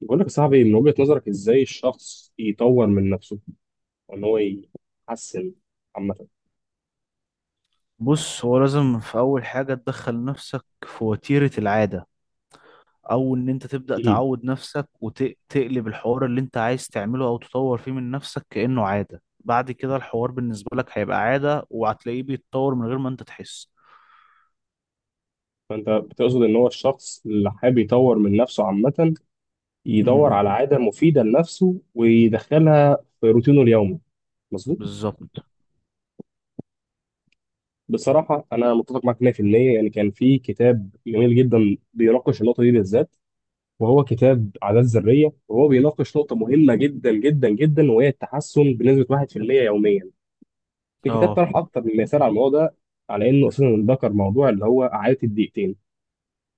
بقول لك يا صاحبي، من وجهة نظرك ازاي الشخص يطور من نفسه وان هو يحسن عامة؟ بص، هو لازم في أول حاجة تدخل نفسك في وتيرة العادة، أو إن أنت تبدأ مم. تعود نفسك وتقلب الحوار اللي أنت عايز تعمله أو تطور فيه من نفسك كأنه عادة. بعد كده الحوار بالنسبة لك هيبقى عادة وهتلاقيه بيتطور من غير ما أنت تحس. فانت بتقصد ان هو الشخص اللي حابب يطور من نفسه عامة يدور امم. على عادة مفيدة لنفسه ويدخلها في روتينه اليومي. مظبوط. بالظبط. بصراحة انا متفق معاك 100%، يعني كان في كتاب جميل جدا بيناقش النقطة دي بالذات، وهو كتاب عادات ذرية، وهو بيناقش نقطة مهمة جدا جدا جدا وهي التحسن بنسبة 1% يوميا. في كتاب اه، طرح اكتر من مثال على الموضوع ده، على انه اساسا ذكر موضوع اللي هو عاده الدقيقتين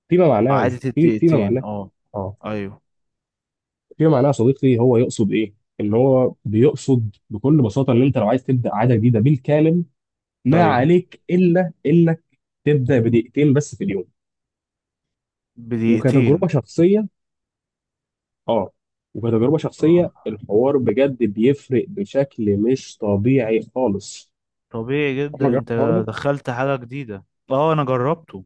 فيما معناه. عادة فيما الدقيقتين، معناه، اه. اه أيوه. فيما معناه يا صديقي، هو يقصد ايه؟ ان هو بيقصد بكل بساطه ان انت لو عايز تبدا عاده جديده بالكامل، ما أيوه، عليك الا انك تبدا بدقيقتين بس في اليوم. وكتجربه بدقيقتين. شخصيه، اه وكتجربه شخصيه، اه، الحوار بجد بيفرق بشكل مش طبيعي خالص. طبيعي عمرك جدا. جربت الحوار أنت ده؟ دخلت حاجة جديدة. اه، أنا جربته.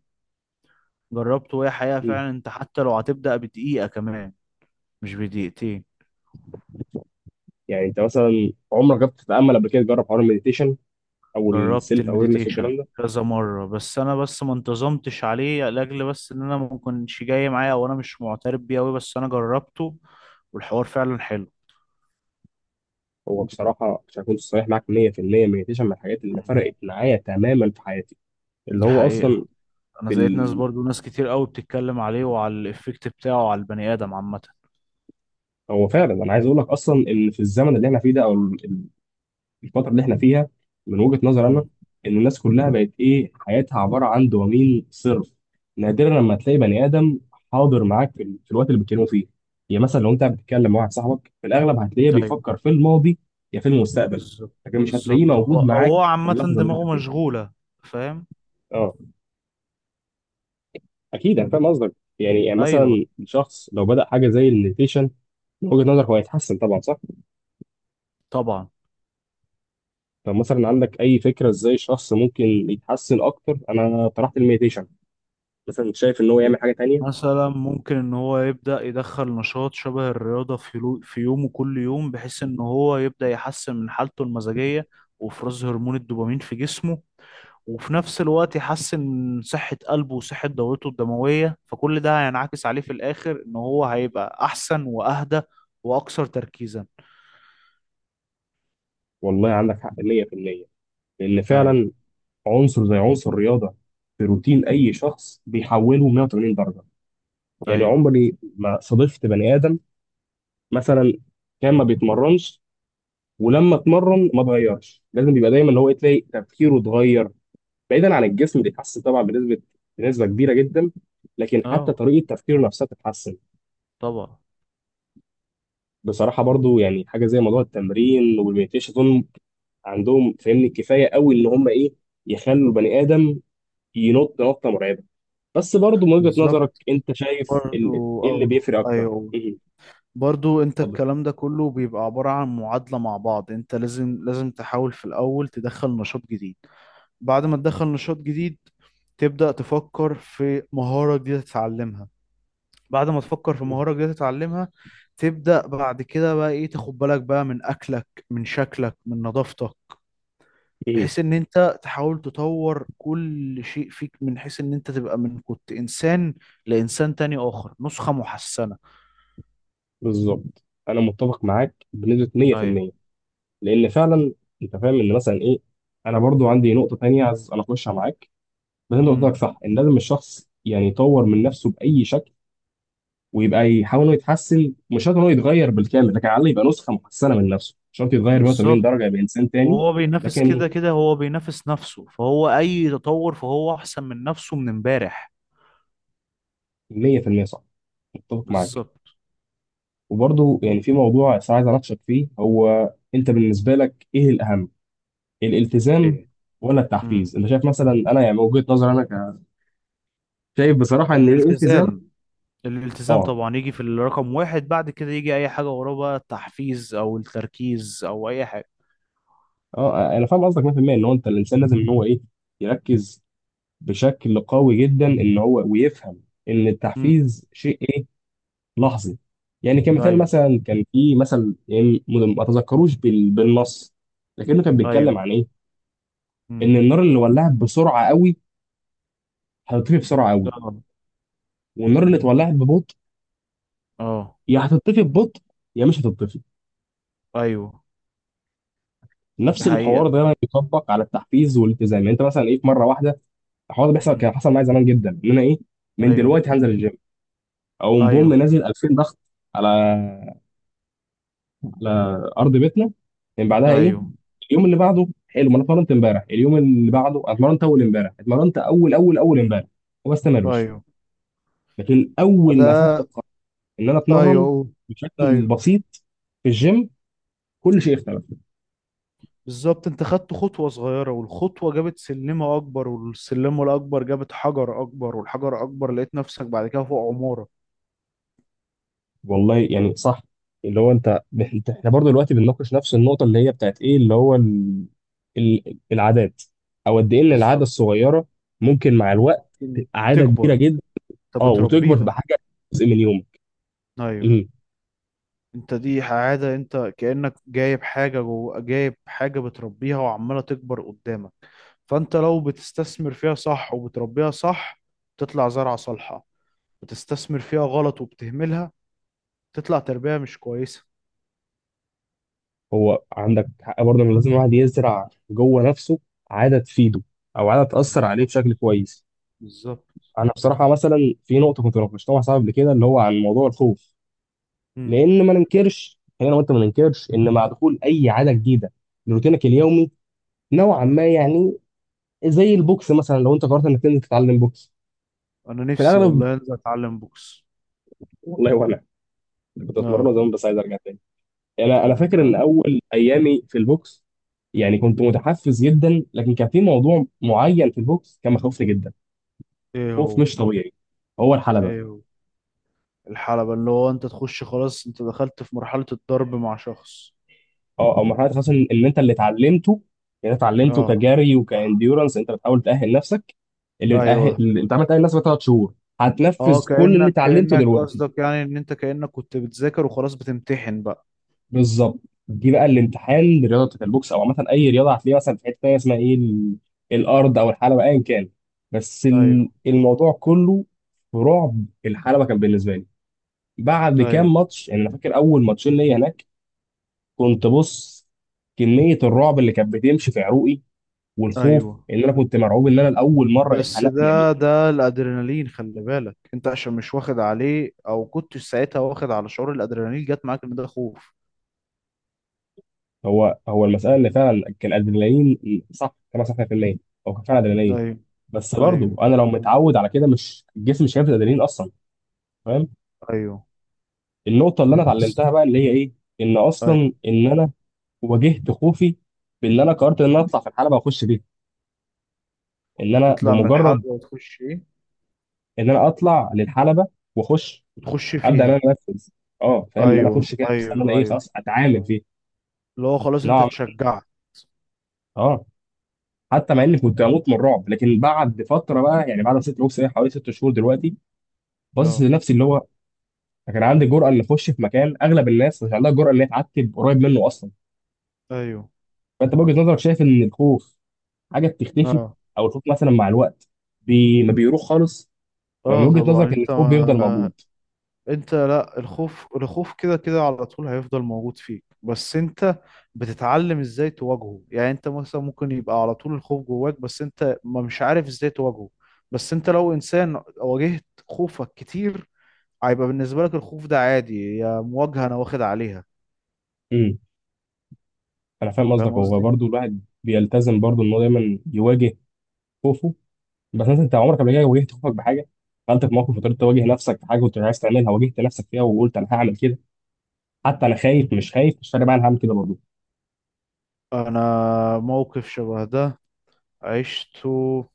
جربته، وهي حقيقة مم. فعلا. أنت حتى لو هتبدأ بدقيقة كمان، مش بدقيقتين. يعني انت مثلا عمرك جربت تتامل قبل كده، تجرب حوار المديتيشن او جربت السيلف اويرنس المديتيشن والكلام ده؟ كذا مرة، بس أنا بس ما انتظمتش عليه، لأجل بس إن أنا ما كنتش جاي معايا، أو أنا مش معترف بيه أوي، بس أنا جربته، والحوار فعلا حلو. هو بصراحه عشان اكون صريح معاك 100%، مديتيشن من الحاجات اللي مم. فرقت معايا تماما في حياتي. اللي دي هو اصلا حقيقة. أنا في لقيت ناس ال... برضو ناس كتير أوي بتتكلم عليه، وعلى الإفكت بتاعه على البني آدم عامة. هو فعلا انا عايز اقول لك اصلا ان في الزمن اللي احنا فيه ده، او الفتره اللي احنا فيها، من وجهه نظري انا، امم. ان الناس كلها بقت ايه، حياتها عباره عن دوبامين صرف. نادرا لما تلاقي بني ادم حاضر معاك في في الوقت اللي بتتكلموا فيه. يعني مثلا لو انت بتتكلم مع واحد صاحبك، في الاغلب هتلاقيه أيوه. بيفكر في الماضي يا في المستقبل، بالظبط. لكن مش هتلاقيه بالظبط، هو موجود معاك هو في عامة اللحظه اللي انت دماغه فيها. مشغولة. فاهم. اه، اكيد انا فاهم قصدك. يعني أيوه. مثلا شخص لو بدأ حاجه زي المديتيشن، من وجهة نظرك هو هيتحسن طبعا، صح؟ طبعا. طب مثلا عندك اي فكره ازاي الشخص ممكن يتحسن اكتر؟ انا طرحت المديتيشن، مثلا شايف ان هو يعمل حاجه تانية؟ مثلا ممكن ان هو يبدأ يدخل نشاط شبه الرياضة في يومه كل يوم، بحيث ان هو يبدأ يحسن من حالته المزاجية وافراز هرمون الدوبامين في جسمه، وفي نفس الوقت يحسن من صحة قلبه وصحة دورته الدموية. فكل ده هينعكس عليه في الآخر، ان هو هيبقى احسن واهدى واكثر تركيزا. والله عندك حق 100%، لان ايوه. فعلا عنصر زي عنصر الرياضه في روتين اي شخص بيحوله 180 درجه. يعني ايوه. عمري ما صادفت بني ادم مثلا كان ما بيتمرنش ولما اتمرن ما اتغيرش. لازم بيبقى دايما اللي هو إيه، تلاقي تفكيره اتغير، بعيدا عن الجسم بيتحسن طبعا بنسبه كبيره جدا، لكن حتى اه، طريقه تفكيره نفسها بتتحسن. طبعا. بصراحه برضو يعني حاجه زي موضوع التمرين والمديتيشن اظن عندهم فاهمني كفايه قوي ان هم ايه، يخلوا البني ادم ينط نطه مرعبه. بس برضو من وجهه نظرك، بالظبط. انت شايف برضو ايه اللي اه. بيفرق اكتر؟ ايوه. ايه؟ برضو انت اتفضل. الكلام ده كله بيبقى عبارة عن معادلة مع بعض. انت لازم تحاول في الأول تدخل نشاط جديد. بعد ما تدخل نشاط جديد، تبدأ تفكر في مهارة جديدة تتعلمها. بعد ما تفكر في مهارة جديدة تتعلمها، تبدأ بعد كده بقى ايه، تاخد بالك بقى من أكلك، من شكلك، من نظافتك. ايه؟ بحيث ان انت تحاول تطور كل شيء فيك، من حيث ان انت تبقى من كنت انسان لانسان تاني، اخر نسخة محسنة. بالظبط، انا متفق معاك بنسبه ايوه. 100%، لان فعلا انت فاهم ان مثلا ايه، انا برضو عندي نقطه تانية عايز انا اخشها معاك. ما انت قصدك امم. صح ان لازم الشخص يعني يطور من نفسه باي شكل، ويبقى يحاول انه يتحسن. مش شرط انه يتغير بالكامل، لكن على الاقل يبقى نسخه محسنه من نفسه، مش شرط يتغير 180 بالظبط. درجه يبقى انسان تاني. وهو بينافس كده لكن كده، هو بينافس نفسه. فهو اي تطور، فهو احسن من نفسه من امبارح. 100% صح، متفق معاك. بالظبط. وبرضه يعني في موضوع بس عايز اناقشك فيه، هو انت بالنسبه لك ايه الاهم، الالتزام ايه. ولا التحفيز؟ امم. انت شايف مثلا، انا يعني من وجهه نظري انا، شايف بصراحه ان الالتزام. الالتزام. الالتزام اه، طبعا يجي في الرقم واحد. بعد كده يجي اي حاجة وراه، بقى التحفيز او التركيز او اي حاجة. اه، انا فاهم قصدك 100%، ان هو انت الانسان لازم ان هو ايه، يركز بشكل قوي جدا، اللي هو ويفهم ان امم. التحفيز شيء ايه، لحظي. يعني كمثال، ايوه. مثلا كان في مثل يعني، ما تذكروش بالنص، لكنه كان بيتكلم ايوه. عن ايه، ان امم. النار اللي ولعت بسرعه قوي هتطفي بسرعه قوي، اه. والنار اللي اتولعت ببطء اه. يا هتطفي ببطء، يا مش هتطفي. ايوه. دي نفس الحوار حقيقة. ده بيطبق على التحفيز والالتزام. يعني انت مثلا ايه، في مره واحده الحوار ده بيحصل. امم. كان حصل معايا زمان جدا، ان انا ايه، من ايوه. دلوقتي هنزل الجيم، او ايوه. بوم نازل 2000 ضغط على ارض بيتنا. من بعدها ايه، ايوه. اليوم اللي بعده حلو ما انا اتمرنت امبارح، اليوم اللي بعده أنا اتمرنت اول امبارح، اتمرنت اول اول اول امبارح، وما استمرش. ايوه. لكن ما اول ما اخدت ده. القرار ان انا ايوه، اتمرن أوه. بشكل أيوه. بسيط في الجيم، كل شيء اختلف. بالظبط، انت خدت خطوة صغيرة، والخطوة جابت سلمة أكبر، والسلمة الأكبر جابت حجر أكبر، والحجر أكبر لقيت نفسك بعد كده فوق عمارة. والله يعني صح. اللي هو احنا برضه دلوقتي بنناقش نفس النقطه اللي هي بتاعت ايه، اللي هو العادات. او قد ايه ان العاده بالظبط. الصغيره ممكن مع الوقت تبقى عاده تكبر. كبيره جدا. انت اه، وتكبر تبقى بتربيها. حاجه، جزء من يومك. أيوه. انت دي عادة، انت كأنك جايب حاجة جوه، جايب حاجة بتربيها وعمالة تكبر قدامك. فانت لو بتستثمر فيها صح وبتربيها صح، تطلع زرعة صالحة. بتستثمر فيها غلط وبتهملها، تطلع تربية مش كويسة. هو عندك حق برضه ان لازم الواحد يزرع جوه نفسه عاده تفيده، او عاده تاثر عليه بالظبط. بشكل كويس. بالظبط. انا بصراحه مثلا في نقطه كنت ناقشتها مع صاحبي قبل كده، اللي هو عن موضوع الخوف. لان ما ننكرش، خلينا، وانت ما ننكرش ان مع دخول اي عاده جديده لروتينك اليومي، نوعا ما يعني زي البوكس مثلا. لو انت قررت انك تنزل تتعلم بوكس، انا في نفسي الاغلب، والله انزل اتعلم بوكس. والله وانا كنت اتمرن اه، زمان بس عايز ارجع تاني. انا فاكر ان هنرجعه. اول ايامي في البوكس يعني كنت متحفز جدا، لكن كان في موضوع معين في البوكس كان مخوفني جدا، ايه خوف هو؟ مش طبيعي. هو الحلبه. ايه هو؟ الحلبة، اللي هو انت تخش خلاص، انت دخلت في مرحلة الضرب مع شخص. اه. او مرحله خاصه ان انت اللي اتعلمته، يعني اتعلمته اه. كجري وكانديورنس، انت بتحاول تاهل نفسك. اللي بتاهل، ايوه. اللي انت عمال تاهل نفسك ثلاث شهور، اه، هتنفذ كل اللي كأنك اتعلمته كأنك دلوقتي. قصدك يعني ان انت كأنك كنت بتذاكر وخلاص، بتمتحن بقى. بالظبط. دي بقى الانتحال لرياضه البوكس، او عامه اي رياضه هتلاقيها مثلا، في حته تانيه اسمها ايه، الارض او الحلبه، ايا كان. بس ايوه. الموضوع كله في رعب الحلبه، كان بالنسبه لي بعد ايوه. كام ماتش. يعني انا فاكر اول ماتشين ليا هناك، كنت بص كميه الرعب اللي كانت بتمشي في عروقي والخوف، ايوه. ان انا كنت مرعوب ان انا لاول مره، ايه، بس حلق يعني. ده الادرينالين، خلي بالك انت، عشان مش واخد عليه، او كنت ساعتها واخد على شعور الادرينالين، جت معاك ان ده خوف. هو المساله اللي فعلا كان ادرينالين، صح، كما صح في الليل. هو كان فعلا ادرينالين، ايوه. بس برضو ايوه. انا لو متعود على كده، مش جسمي مش هيفرز ادرينالين اصلا. فاهم. ايوه. النقطه اللي انا اتعلمتها بقى اللي هي ايه، ان اصلا ايوه. ان انا واجهت خوفي، بان انا قررت ان انا اطلع في الحلبه واخش بيها. ان انا تطلع من الحلبة بمجرد وتخش ايه؟ ان انا اطلع للحلبه واخش، وتخش ابدا ان فيها. انا انفذ. اه، فاهم، ان انا ايوه. اخش كده، بس ان انا ايوه. ايه، ايوه. خلاص اتعامل فيه. اللي هو خلاص انت نوعا ما. اتشجعت. اه. حتى مع اني كنت هموت من الرعب، لكن بعد فتره بقى يعني، بعد ست بوكس ايه، حوالي ست شهور دلوقتي، باصص اه. لنفسي اللي هو كان عندي جرأة اللي اخش في مكان اغلب الناس مش عندها جرأة اللي هي تعتب قريب منه اصلا. ايوه. فانت بوجهة نظرك شايف ان الخوف حاجة بتختفي؟ اه. او الخوف مثلا مع الوقت ما بيروح خالص؟ ومن اه، وجهة طبعا. نظرك ان الخوف بيفضل موجود؟ انت لا، الخوف الخوف كده كده على طول هيفضل موجود فيك، بس انت بتتعلم ازاي تواجهه. يعني انت مثلا ممكن يبقى على طول الخوف جواك، بس انت ما مش عارف ازاي تواجهه. بس انت لو انسان واجهت خوفك كتير، هيبقى بالنسبة لك الخوف ده عادي، يا مواجهة انا واخد عليها. امم انا فاهم فاهم قصدك. هو قصدي. برضه الواحد بيلتزم برضه ان هو دايما يواجه خوفه. بس مثلا انت عمرك قبل كده واجهت خوفك بحاجة، دخلت في موقف وقدرت تواجه نفسك في حاجة كنت مش عايز تعملها، واجهت نفسك فيها وقلت انا هعمل كده حتى انا خايف، مش خايف مش فارق معايا، انا هعمل كده برضه؟ انا موقف شبه ده عشته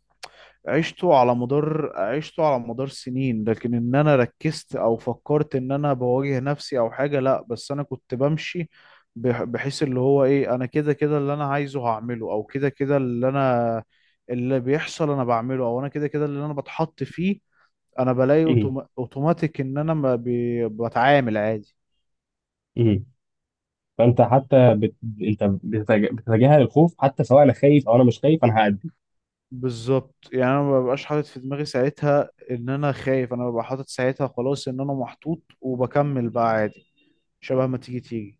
عشته على مدار سنين. لكن ان انا ركزت او فكرت ان انا بواجه نفسي او حاجة، لا، بس انا كنت بمشي. بحيث اللي هو ايه، انا كده كده اللي انا عايزه هعمله، او كده كده اللي بيحصل انا بعمله، او انا كده كده اللي انا بتحط فيه. انا بلاقي اوتوماتيك ان انا ما بي- بتعامل عادي. امم فانت حتى انت بتتجاهل الخوف حتى، سواء انا خايف او انا مش خايف، انا هأدي. بالظبط، يعني انا ما ببقاش حاطط في دماغي ساعتها ان انا خايف. انا ببقى حاطط ساعتها خلاص ان انا محطوط، وبكمل بقى عادي. شبه ما تيجي تيجي.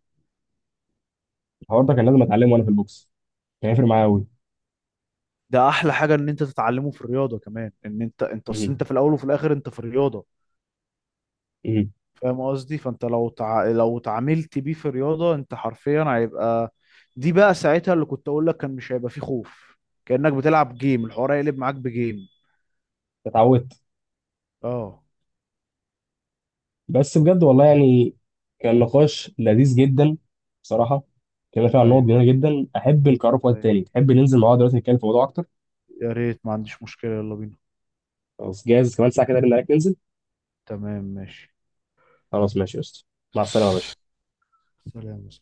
الحوار ده كان لازم اتعلمه وانا في البوكس، كان هيفرق معايا قوي. ده احلى حاجة ان انت تتعلمه في الرياضة كمان، ان انت اصل، مم. انت في الاول وفي الاخر انت في الرياضة. مم. فاهم قصدي. فانت لو لو اتعاملت بيه في الرياضة، انت حرفيا هيبقى. دي بقى ساعتها اللي كنت اقول لك، كان مش هيبقى فيه خوف. كأنك بتلعب جيم، الحوار هيقلب معاك بجيم. اتعودت. اه. بس بجد والله يعني كان نقاش لذيذ جدا بصراحه. كنا فيه عن نقط ايوه. جميله جدا، احب نكرره في وقت ايوه. تاني. تحب ننزل مع بعض دلوقتي نتكلم في موضوع اكتر؟ يا ريت، ما عنديش مشكلة، يلا بينا. خلاص، جاهز كمان ساعه كده ارن عليك ننزل. تمام. خلاص، ماشي يا اسطى. مع السلامه يا باشا. ماشي. سلام.